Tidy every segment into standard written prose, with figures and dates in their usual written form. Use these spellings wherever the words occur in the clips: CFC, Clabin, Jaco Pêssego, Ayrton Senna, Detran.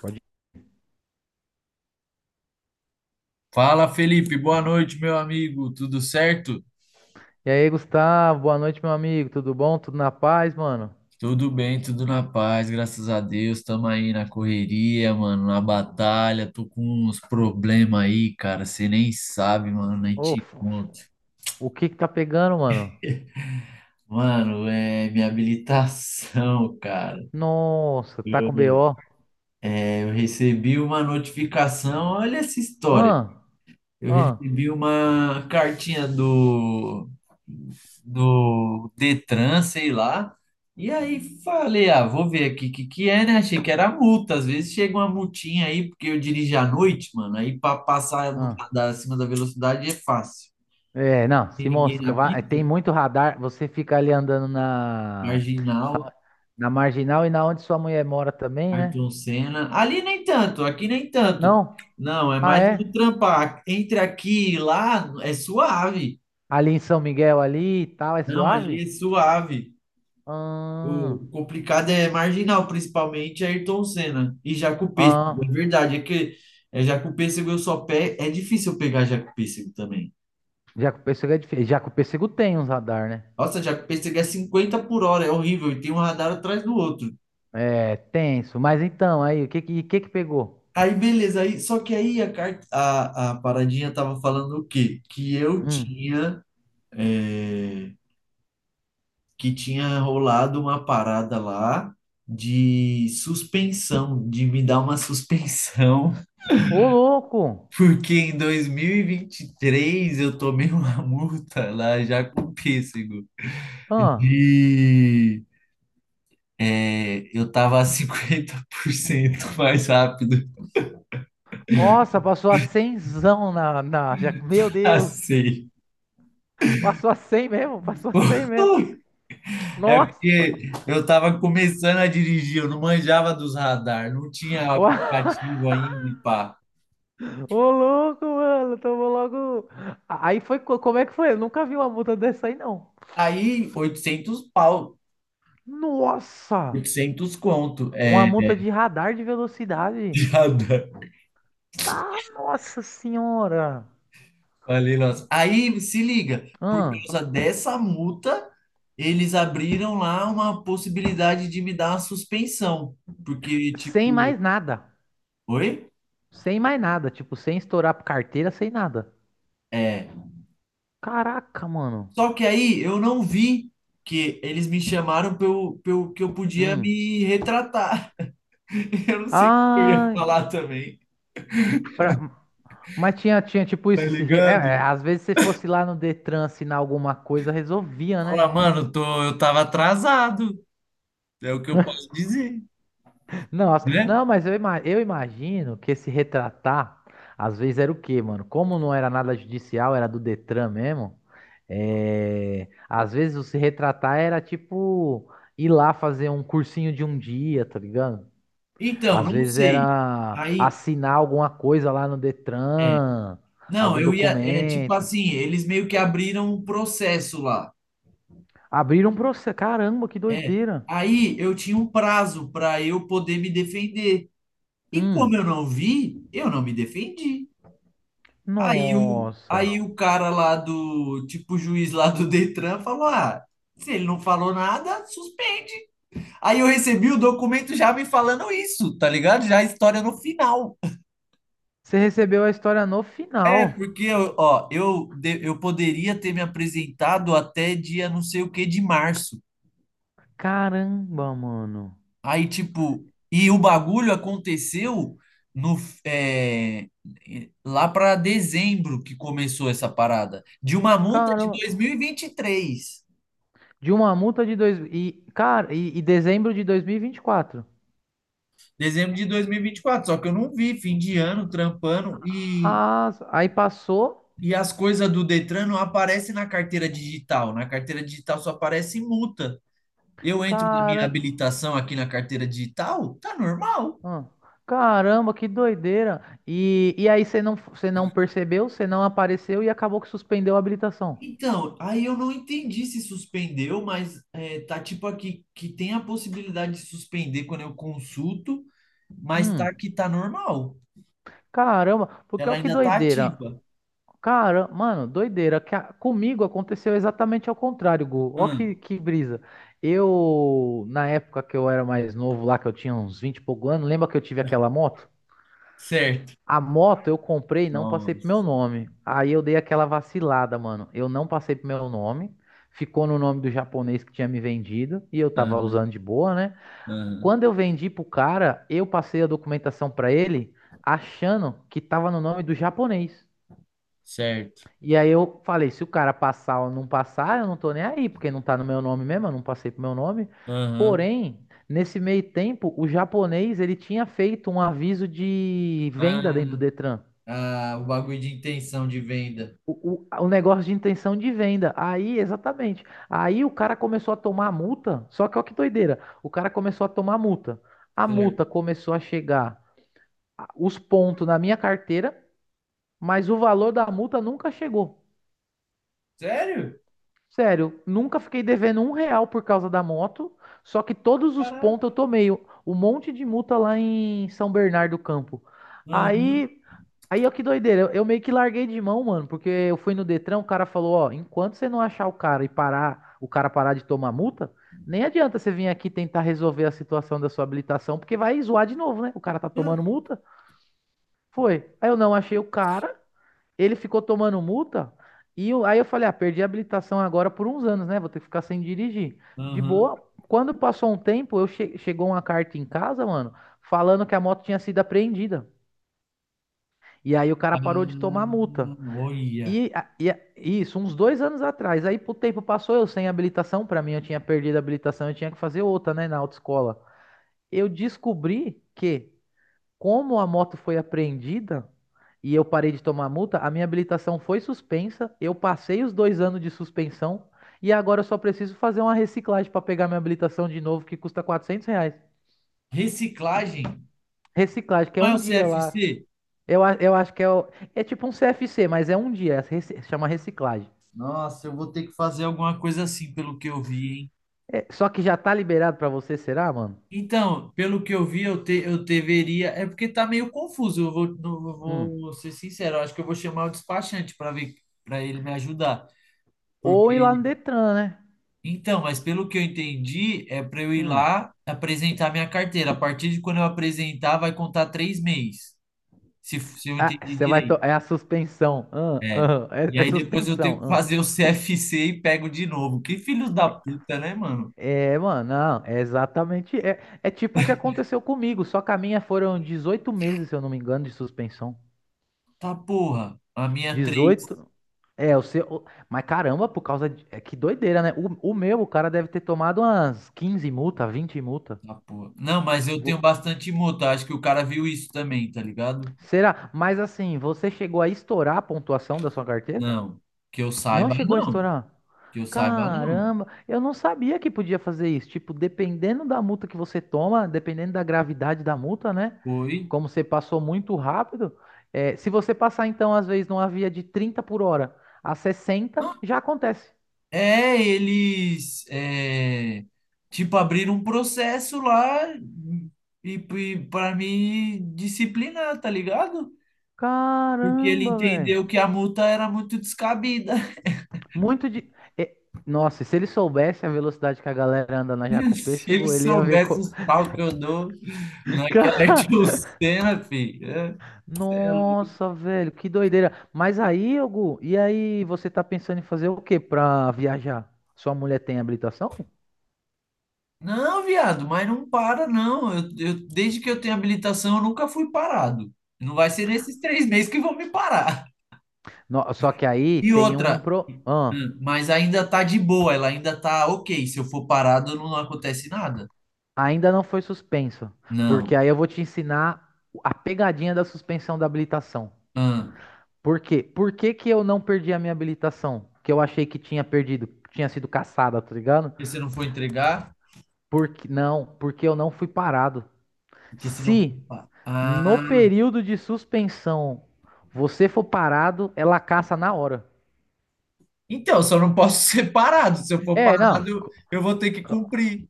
Pode. Fala, Felipe, boa noite, meu amigo. Tudo certo? E aí, Gustavo, boa noite, meu amigo. Tudo bom? Tudo na paz, mano? Tudo bem, tudo na paz, graças a Deus. Tamo aí na correria, mano, na batalha. Tô com uns problemas aí, cara. Você nem sabe, mano, nem Ô, te fofo, conto. o que que tá pegando, mano? Mano, é minha habilitação, cara. Nossa, tá com Eu, BO. eu recebi uma notificação. Olha essa história. Ah, Eu ah, recebi uma cartinha do Detran, sei lá. E aí falei, ah, vou ver aqui o que que é, né? Achei que era multa. Às vezes chega uma multinha aí, porque eu dirijo à noite, mano. Aí para passar no, ah. da, acima da velocidade é fácil. É, Não não, tem se ninguém mosca, na tem pista, muito radar. Você fica ali andando marginal, na marginal e na onde sua mulher mora também, né? Ayrton Senna. Ali nem tanto, aqui nem tanto. Não? Não, é Ah, mais do é? trampar. Entre aqui e lá é suave. Ali em São Miguel ali e tal, é Não, ali suave? é suave. Ah, O complicado é marginal, principalmente Ayrton Senna e Jaco Pêssego. ah. É verdade. É que Jaco Pêssego eu só pé É difícil eu pegar Jaco Pêssego também. Já que o pêssego é difícil. Já que o pêssego tem uns radar, né? Nossa, Jaco Pêssego é 50 por hora, é horrível, e tem um radar atrás do outro. É, tenso. Mas então, aí, que pegou? Aí, beleza, aí, só que aí a paradinha tava falando o quê? Hum. É, que tinha rolado uma parada lá de suspensão, de me dar uma suspensão. Ô, louco! Porque em dois mil e vinte e três eu tomei uma multa lá já com pêssego Ah, de... eu tava 50% mais rápido nossa, passou a cenzão na... Já... Meu a Deus! seis. Passou a 100 mesmo? É Nossa! porque eu tava começando a dirigir, eu não manjava dos radar, não tinha Uau. aplicativo ainda e pá. Ô, louco, mano! Tomou logo... Como é que foi? Eu nunca vi uma multa dessa aí, não. Aí, 800 pau, Nossa! 800 conto, Uma multa de radar de velocidade. de radar. Tá, nossa senhora! Falei, nossa. Aí, se liga, por Ah, causa dessa multa, eles abriram lá uma possibilidade de me dar uma suspensão, porque, sem tipo, mais nada. oi? Sem mais nada, tipo, sem estourar carteira, sem nada. É. Caraca, mano. Só que aí eu não vi que eles me chamaram que eu podia Hum. me retratar. Eu não sei o que eu ia Ai. falar também, pra- Mas tinha tipo tá isso. Se re- é, ligado? é, Às vezes se fosse lá no Detran assinar alguma coisa, resolvia, né? Fala, mano, eu tava atrasado, é o que eu posso dizer, Nossa, né? não, eu imagino que esse retratar, às vezes era o quê, mano? Como não era nada judicial, era do Detran mesmo. É... Às vezes o se retratar era tipo ir lá fazer um cursinho de um dia, tá ligado? Então, Às não vezes sei. era Aí. assinar alguma coisa lá no é Detran, Não, algum eu ia. É tipo documento. assim, eles meio que abriram um processo lá. Abriram um processo. Caramba, que É. doideira. Aí eu tinha um prazo para eu poder me defender. E como eu Hum. não vi, eu não me defendi. Aí o, Nossa. aí o cara lá do, tipo, o juiz lá do Detran falou: ah, se ele não falou nada, suspende. Aí eu recebi o documento já me falando isso, tá ligado? Já a história no final. Você recebeu a história no É, final. porque, ó, eu poderia ter me apresentado até dia não sei o que de março. Caramba, mano. Aí, tipo, e o bagulho aconteceu no é, lá para dezembro que começou essa parada, de uma multa de Caramba. 2023, De uma multa de dois e cara, e dezembro de 2024. dezembro de 2024. Só que eu não vi, fim de ano, trampando, e, Ah, aí passou. e as coisas do Detran não aparecem na carteira digital. Na carteira digital só aparece multa. Eu entro na minha Cara, habilitação aqui na carteira digital, tá normal. ah, caramba, que doideira. E aí você não percebeu, você não apareceu e acabou que suspendeu a habilitação. Então, aí eu não entendi se suspendeu, mas tá tipo aqui que tem a possibilidade de suspender quando eu consulto, mas tá Hum, que tá normal. caramba, porque Ela olha que ainda tá doideira. ativa. Cara, mano, doideira. Comigo aconteceu exatamente ao contrário, Gu. Ó Hum, que brisa. Na época que eu era mais novo lá, que eu tinha uns 20 e pouco anos, lembra que eu tive aquela moto? certo. A moto eu comprei e não passei pro meu Nossa. nome. Aí eu dei aquela vacilada, mano. Eu não passei pro meu nome. Ficou no nome do japonês que tinha me vendido e eu tava Aham, usando de boa, né? aham. Quando eu vendi pro cara, eu passei a documentação pra ele achando que tava no nome do japonês. Certo. E aí eu falei, se o cara passar ou não passar, eu não tô nem aí, porque não tá no meu nome mesmo, eu não passei pro meu nome. Aham. Porém, nesse meio tempo, o japonês ele tinha feito um aviso de venda Ah, dentro do Detran. ah, o bagulho de intenção de venda. O negócio de intenção de venda. Aí, exatamente. Aí o cara começou a tomar multa. Só que olha que doideira. O cara começou a tomar multa. A multa Certo. começou a chegar os pontos na minha carteira, mas o valor da multa nunca chegou. Sério? Sério, nunca fiquei devendo um real por causa da moto. Só que todos os pontos eu Caraca. tomei. Um monte de multa lá em São Bernardo do Campo. Aham. Aí Aí, ó, que doideira. Eu meio que larguei de mão, mano, porque eu fui no Detran, o cara falou, ó, enquanto você não achar o cara e parar, o cara parar de tomar multa, nem adianta você vir aqui tentar resolver a situação da sua habilitação, porque vai zoar de novo, né? O cara tá tomando multa. Foi. Aí eu não achei o cara, ele ficou tomando multa, aí eu falei, ah, perdi a habilitação agora por uns anos, né? Vou ter que ficar sem dirigir. De Aham. boa. Quando passou um tempo, chegou uma carta em casa, mano, falando que a moto tinha sido apreendida. E aí o cara parou de Ah, tomar multa. olha. Isso, uns 2 anos atrás. Aí o tempo passou, eu sem habilitação. Pra mim, eu tinha perdido a habilitação, eu tinha que fazer outra, né, na autoescola. Eu descobri que, como a moto foi apreendida e eu parei de tomar multa, a minha habilitação foi suspensa. Eu passei os 2 anos de suspensão e agora eu só preciso fazer uma reciclagem pra pegar minha habilitação de novo, que custa R$ 400. Reciclagem. Reciclagem, que é Não é o um dia lá. CFC? Eu acho que é, é tipo um CFC, mas é um dia, chama reciclagem. Nossa, eu vou ter que fazer alguma coisa assim, pelo que eu vi, hein? É, só que já tá liberado pra você, será, mano? Então, pelo que eu vi, eu deveria. É porque tá meio confuso. Eu vou, não- Eu Hum. vou ser sincero. Eu acho que eu vou chamar o despachante para ver, para ele me ajudar. Ou ir lá Porque. no Detran, né? Então, mas pelo que eu entendi, é para eu ir Hum. lá apresentar minha carteira. A partir de quando eu apresentar, vai contar 3 meses. Se eu Ah, entendi você vai. Direito. É a suspensão. É. Ah. E É, é aí depois eu suspensão. tenho que Ah. fazer o CFC e pego de novo. Que filho da puta, né, mano? É, mano, não. É exatamente. É, é tipo o que aconteceu comigo. Só que a minha foram 18 meses, se eu não me engano, de suspensão. Tá porra. A minha é três. 18. Mas caramba, por causa de. É, que doideira, né? O meu, o cara deve ter tomado umas 15 multa, 20 multa. Tá porra. Não, mas eu tenho Vo- bastante moto. Acho que o cara viu isso também, tá ligado? Será? Mas assim, você chegou a estourar a pontuação da sua carteira? Não. Que eu Não saiba, chegou a não. estourar? Que eu saiba, não. Caramba, eu não sabia que podia fazer isso. Tipo, dependendo da multa que você toma, dependendo da gravidade da multa, né? Foi. Como você passou muito rápido, se você passar, então, às vezes, numa via de 30 por hora a 60 já acontece. É, eles tipo abriram um processo lá e, e para me disciplinar, tá ligado? Porque ele Caramba, velho. entendeu que a multa era muito descabida. Muito de. é, nossa, se ele soubesse a velocidade que a galera anda na Jacopé, Se ele chegou, ele ia ver. soubesse Co... os pau que eu dou naquela Cara, cena, filho. É nossa, velho, que doideira. Mas aí, Hugo, e aí você tá pensando em fazer o que pra viajar? Sua mulher tem habilitação? Não, viado, mas não para, não. Desde que eu tenho habilitação, eu nunca fui parado. Não vai ser nesses 3 meses que vão me parar. Só que aí E tem outra, Ah, mas ainda tá de boa, ela ainda tá ok. Se eu for parado, não acontece nada. ainda não foi suspensa, Não. porque aí eu vou te ensinar a pegadinha da suspensão da habilitação. Ah, Por quê? Por que que eu não perdi a minha habilitação? Que eu achei que tinha perdido, que tinha sido caçada, tá ligado? porque se eu não for entregar. Porque, não, porque eu não fui parado. Porque se não for... Se pa- no Ah, período de suspensão você for parado, ela caça na hora. então, só não posso ser parado. Se eu for É, não. parado, eu vou ter que cumprir.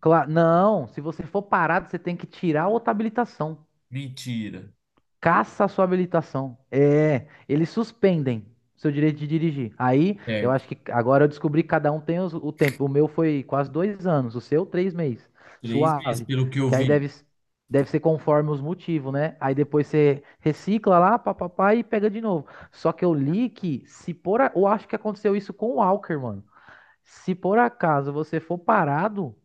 Não, se você for parado, você tem que tirar a outra habilitação. Mentira. Caça a sua habilitação. É, eles suspendem seu direito de dirigir. Aí, eu Certo. acho que agora eu descobri que cada um tem o tempo. O meu foi quase 2 anos, o seu 3 meses. 3 meses, Suave. pelo que eu Que aí vi. deve, deve ser conforme os motivos, né? Aí depois você recicla lá, papapá, e pega de novo. Só que eu li que se por... a- eu acho que aconteceu isso com o Walker, mano. Se por acaso você for parado,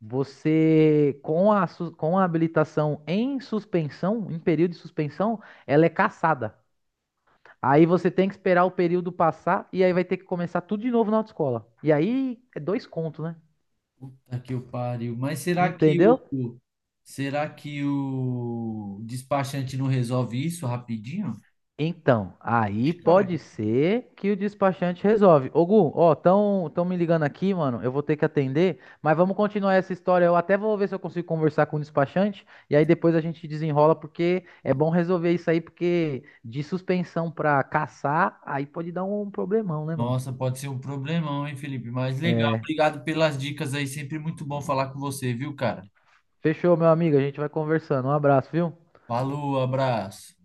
com com a habilitação em suspensão, em período de suspensão, ela é cassada. Aí você tem que esperar o período passar e aí vai ter que começar tudo de novo na autoescola. E aí é 2 contos, né? Puta que o pariu. Mas será que o Entendeu? será que o despachante não resolve isso rapidinho? Então, aí Ih, pode caralho. ser que o despachante resolve. Ô, Gu, ó, tão me ligando aqui, mano. Eu vou ter que atender, mas vamos continuar essa história. Eu até vou ver se eu consigo conversar com o despachante e aí depois a gente desenrola, porque é bom resolver isso aí, porque de suspensão pra caçar, aí pode dar um problemão, né, mano? Nossa, pode ser um problemão, hein, Felipe? Mas legal, É, obrigado pelas dicas aí. Sempre muito bom falar com você, viu, cara? fechou, meu amigo. A gente vai conversando. Um abraço, viu? Falou, abraço.